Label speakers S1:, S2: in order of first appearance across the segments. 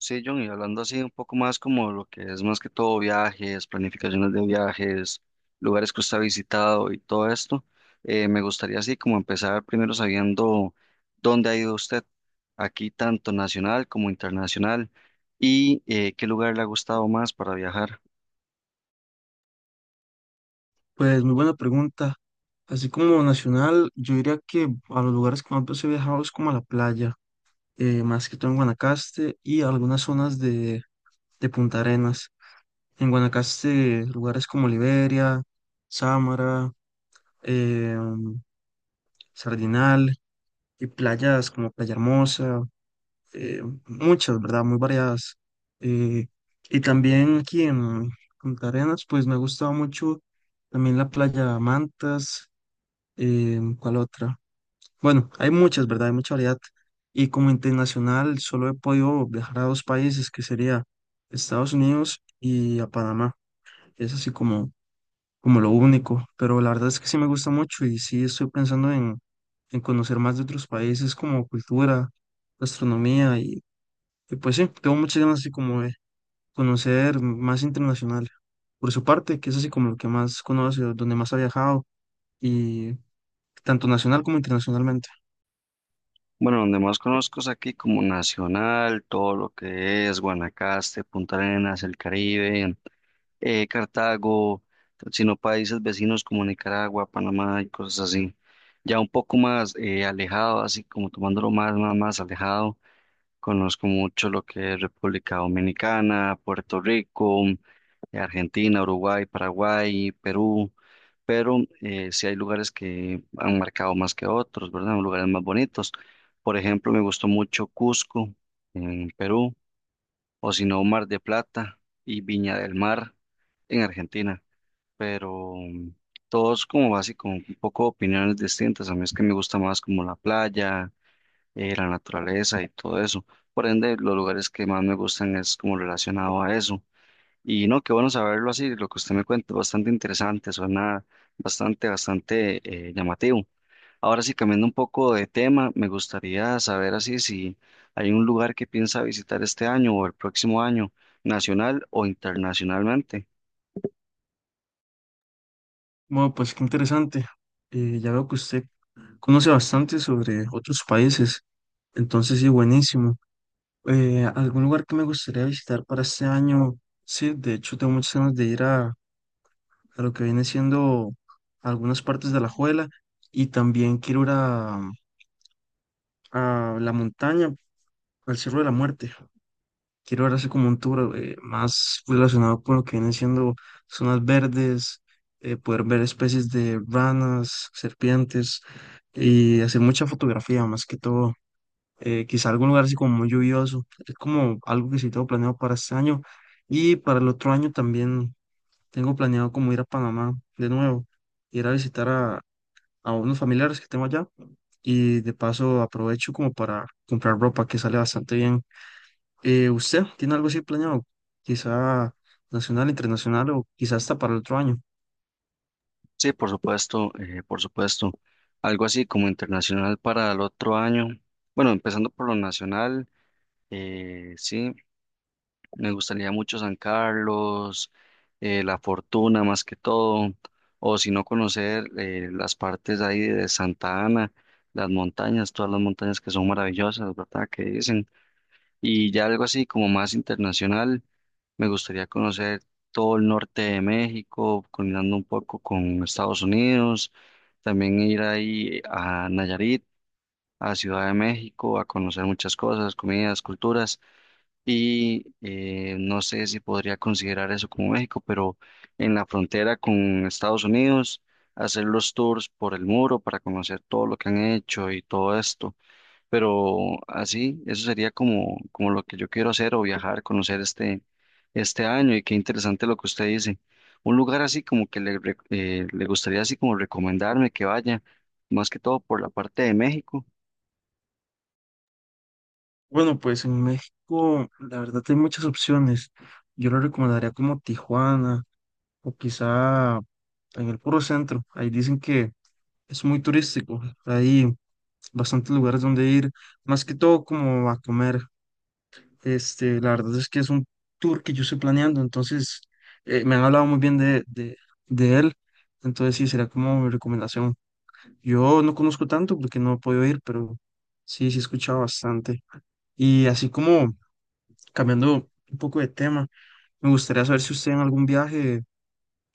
S1: Sí, John, y hablando así un poco más como lo que es más que todo viajes, planificaciones de viajes, lugares que usted ha visitado y todo esto, me gustaría así como empezar primero sabiendo dónde ha ido usted, aquí tanto nacional como internacional, y qué lugar le ha gustado más para viajar.
S2: Pues muy buena pregunta. Así como nacional, yo diría que a los lugares que más he viajado es como a la playa, más que todo en Guanacaste y algunas zonas de Punta Arenas. En Guanacaste, lugares como Liberia, Sámara, eh, mm, Sardinal y playas como Playa Hermosa, muchas, ¿verdad? Muy variadas. Eh, y también aquí en Punta Arenas, pues me ha gustado mucho también la playa Mantas, ¿cuál otra? Bueno, hay muchas, ¿verdad? Hay mucha variedad. Y como internacional, solo he podido viajar a dos países, que sería Estados Unidos y a Panamá. Es así como lo único. Pero la verdad es que sí me gusta mucho y sí estoy pensando en conocer más de otros países como cultura, gastronomía, y pues sí, tengo muchas ganas así como de conocer más internacional. Por su parte, que es así como lo que más conoce, donde más ha viajado y tanto nacional como internacionalmente.
S1: Bueno, donde más conozco es aquí como nacional, todo lo que es Guanacaste, Punta Arenas, el Caribe. Cartago, sino países vecinos como Nicaragua, Panamá y cosas así. Ya un poco más alejado, así como tomándolo más alejado, conozco mucho lo que es República Dominicana, Puerto Rico, Argentina, Uruguay, Paraguay, Perú, pero sí hay lugares que han marcado más que otros, ¿verdad? Lugares más bonitos. Por ejemplo, me gustó mucho Cusco, en Perú, o si no Mar de Plata y Viña del Mar en Argentina, pero todos como básico, un poco opiniones distintas. A mí es que me gusta más como la playa, la naturaleza y todo eso. Por ende, los lugares que más me gustan es como relacionado a eso. Y no, qué bueno saberlo así, lo que usted me cuenta, bastante interesante, suena bastante llamativo. Ahora sí, cambiando un poco de tema, me gustaría saber así si hay un lugar que piensa visitar este año o el próximo año, nacional o internacionalmente.
S2: Bueno, pues qué interesante. Ya veo que usted conoce bastante sobre otros países, entonces sí, buenísimo. Algún lugar que me gustaría visitar para este año, sí, de hecho tengo muchas ganas de ir a lo que viene siendo algunas partes de La Juela y también quiero ir a la montaña, al Cerro de la Muerte. Quiero ahora hacer como un tour más relacionado con lo que vienen siendo zonas verdes, poder ver especies de ranas, serpientes y hacer mucha fotografía más que todo. Quizá algún lugar así como muy lluvioso. Es como algo que sí tengo planeado para este año. Y para el otro año también tengo planeado como ir a Panamá de nuevo, ir a visitar a unos familiares que tengo allá. Y de paso aprovecho como para comprar ropa que sale bastante bien. ¿Usted tiene algo así planeado? Quizá nacional, internacional o quizá hasta para el otro año.
S1: Sí, por supuesto, por supuesto. Algo así como internacional para el otro año. Bueno, empezando por lo nacional, sí. Me gustaría mucho San Carlos, La Fortuna más que todo, o si no conocer las partes ahí de Santa Ana, las montañas, todas las montañas que son maravillosas, ¿verdad? Que dicen. Y ya algo así como más internacional, me gustaría conocer todo el norte de México, combinando un poco con Estados Unidos, también ir ahí a Nayarit, a Ciudad de México, a conocer muchas cosas, comidas, culturas y no sé si podría considerar eso como México, pero en la frontera con Estados Unidos, hacer los tours por el muro para conocer todo lo que han hecho y todo esto. Pero así, eso sería como lo que yo quiero hacer o viajar, conocer este año. Y qué interesante lo que usted dice. Un lugar así como que le, le gustaría así como recomendarme que vaya, más que todo por la parte de México.
S2: Bueno, pues en México, la verdad, hay muchas opciones. Yo lo recomendaría como Tijuana o quizá en el puro centro. Ahí dicen que es muy turístico. Hay bastantes lugares donde ir, más que todo como a comer. Este, la verdad es que es un tour que yo estoy planeando, entonces me han hablado muy bien de él. Entonces sí, será como mi recomendación. Yo no conozco tanto porque no he podido ir, pero sí he escuchado bastante. Y así como cambiando un poco de tema, me gustaría saber si usted en algún viaje,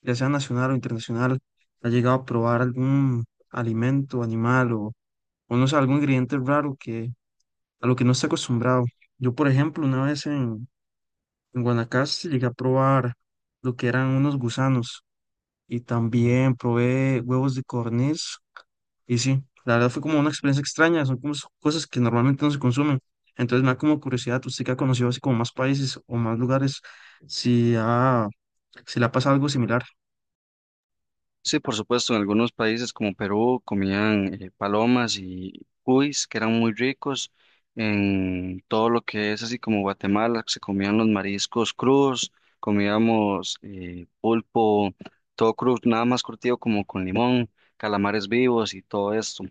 S2: ya sea nacional o internacional, ha llegado a probar algún alimento, animal o no sé, algún ingrediente raro que a lo que no está acostumbrado. Yo, por ejemplo, una vez en Guanacaste llegué a probar lo que eran unos gusanos y también probé huevos de codorniz. Y sí, la verdad fue como una experiencia extraña, son como cosas que normalmente no se consumen. Entonces me da como curiosidad, usted que ha conocido así como más países o más lugares, si ha, si le ha pasado algo similar.
S1: Sí, por supuesto, en algunos países como Perú comían palomas y cuis, que eran muy ricos. En todo lo que es así como Guatemala, se comían los mariscos crudos, comíamos pulpo, todo crudo, nada más curtido como con limón, calamares vivos y todo esto.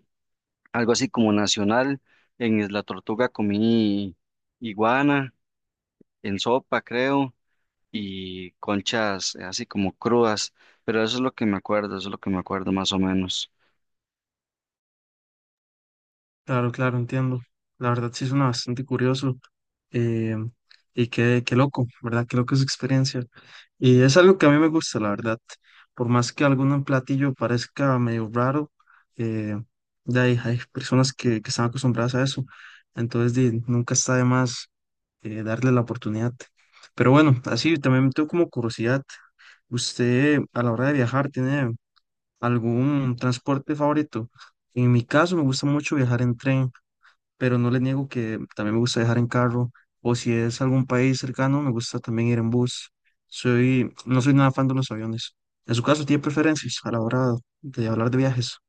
S1: Algo así como nacional, en Isla Tortuga comí iguana en sopa, creo, y conchas así como crudas, pero eso es lo que me acuerdo, eso es lo que me acuerdo más o menos.
S2: Claro, claro, entiendo. La verdad sí suena bastante curioso, eh, y qué, qué loco, ¿verdad? Qué loco es experiencia. Y es algo que a mí me gusta, la verdad. Por más que algún platillo parezca medio raro, eh, de ahí hay personas que están acostumbradas a eso. Entonces di, nunca está de más, darle la oportunidad. Pero bueno, así también me tengo como curiosidad. ¿Usted a la hora de viajar tiene algún transporte favorito? En mi caso me gusta mucho viajar en tren, pero no le niego que también me gusta viajar en carro, o si es algún país cercano, me gusta también ir en bus. No soy nada fan de los aviones. En su caso, ¿tiene preferencias a la hora de hablar de viajes?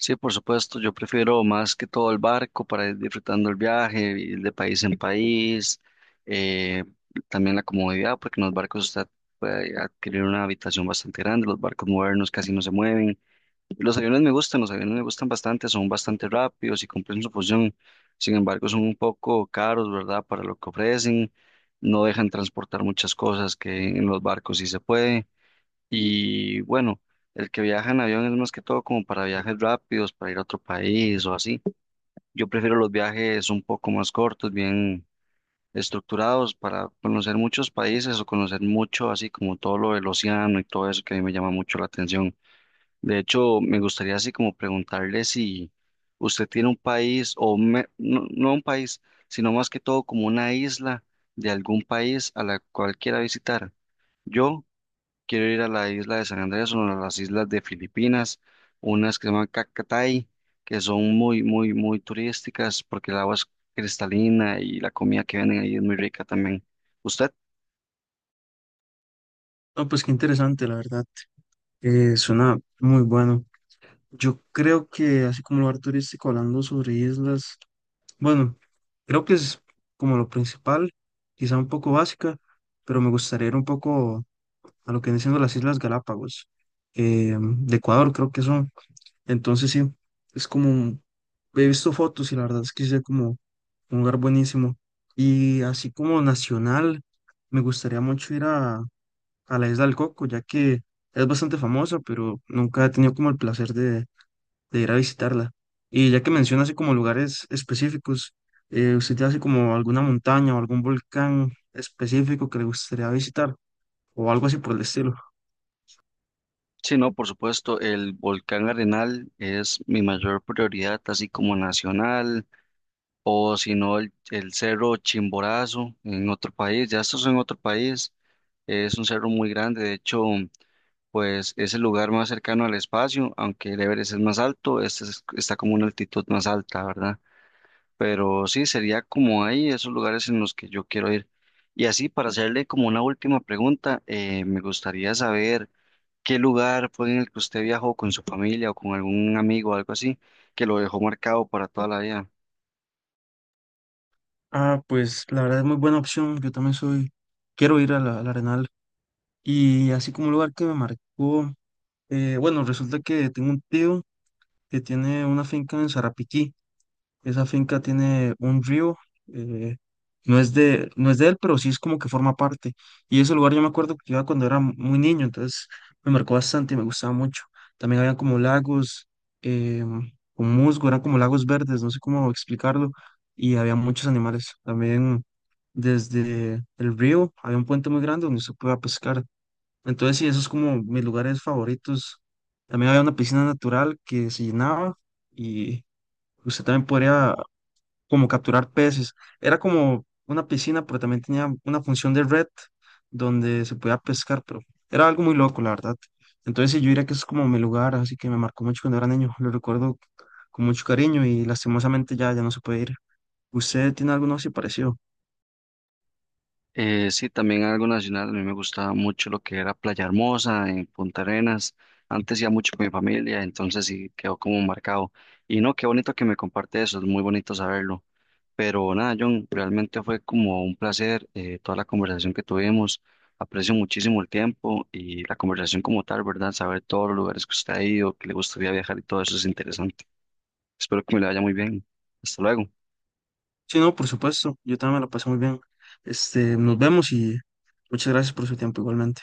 S1: Sí, por supuesto, yo prefiero más que todo el barco para ir disfrutando el viaje, ir de país en país, eh, también la comodidad, porque en los barcos usted puede adquirir una habitación bastante grande, los barcos modernos casi no se mueven. Los aviones me gustan, los aviones me gustan bastante, son bastante rápidos y cumplen su función. Sin embargo, son un poco caros, ¿verdad? Para lo que ofrecen, no dejan transportar muchas cosas que en los barcos sí se puede. Y bueno, el que viaja en avión es más que todo como para viajes rápidos, para ir a otro país o así. Yo prefiero los viajes un poco más cortos, bien estructurados, para conocer muchos países o conocer mucho, así como todo lo del océano y todo eso que a mí me llama mucho la atención. De hecho, me gustaría así como preguntarle si usted tiene un país o no un país, sino más que todo como una isla de algún país a la cual quiera visitar. Yo quiero ir a la isla de San Andrés, una de las islas de Filipinas, unas que se llaman Cacatay, que son muy turísticas porque el agua es cristalina y la comida que venden ahí es muy rica también. ¿Usted?
S2: No, pues qué interesante, la verdad. Suena muy bueno. Yo creo que, así como lugar turístico, hablando sobre islas, bueno, creo que es como lo principal, quizá un poco básica, pero me gustaría ir un poco a lo que vienen siendo las Islas Galápagos, de Ecuador, creo que son. Entonces sí, es como, he visto fotos y la verdad es que es como un lugar buenísimo. Y así como nacional, me gustaría mucho ir a la Isla del Coco, ya que es bastante famosa, pero nunca he tenido como el placer de ir a visitarla. Y ya que menciona así como lugares específicos, ¿usted tiene así como alguna montaña o algún volcán específico que le gustaría visitar o algo así por el estilo?
S1: Sí, no, por supuesto, el volcán Arenal es mi mayor prioridad, así como nacional, o si no el cerro Chimborazo en otro país, ya esto es en otro país, es un cerro muy grande, de hecho, pues es el lugar más cercano al espacio, aunque el Everest es más alto, este está como una altitud más alta, ¿verdad? Pero sí, sería como ahí, esos lugares en los que yo quiero ir. Y así, para hacerle como una última pregunta, me gustaría saber qué lugar fue en el que usted viajó con su familia o con algún amigo algo así, que lo dejó marcado para toda la vida.
S2: Ah, pues la verdad es muy buena opción. Yo también soy, quiero ir a al Arenal. Y así como un lugar que me marcó, bueno, resulta que tengo un tío que tiene una finca en Sarapiquí. Esa finca tiene un río, eh, no es de él, pero sí es como que forma parte. Y ese lugar yo me acuerdo que iba cuando era muy niño, entonces me marcó bastante y me gustaba mucho. También había como lagos, eh, con musgo, eran como lagos verdes, no sé cómo explicarlo, y había muchos animales. También desde el río había un puente muy grande donde se podía pescar. Entonces, sí, esos es como mis lugares favoritos. También había una piscina natural que se llenaba y usted también podría como capturar peces. Era como una piscina, pero también tenía una función de red donde se podía pescar, pero era algo muy loco, la verdad. Entonces, sí, yo diría que es como mi lugar, así que me marcó mucho cuando era niño. Lo recuerdo con mucho cariño y lastimosamente ya no se puede ir. ¿Usted tiene alguno así parecido?
S1: Sí, también algo nacional. A mí me gustaba mucho lo que era Playa Hermosa en Punta Arenas. Antes iba mucho con mi familia, entonces sí quedó como marcado. Y no, qué bonito que me comparte eso, es muy bonito saberlo. Pero nada, John, realmente fue como un placer, toda la conversación que tuvimos. Aprecio muchísimo el tiempo y la conversación como tal, ¿verdad? Saber todos los lugares que usted ha ido, que le gustaría viajar y todo eso es interesante. Espero que me lo vaya muy bien. Hasta luego.
S2: Sí, no, por supuesto. Yo también me la pasé muy bien. Este, nos vemos y muchas gracias por su tiempo igualmente.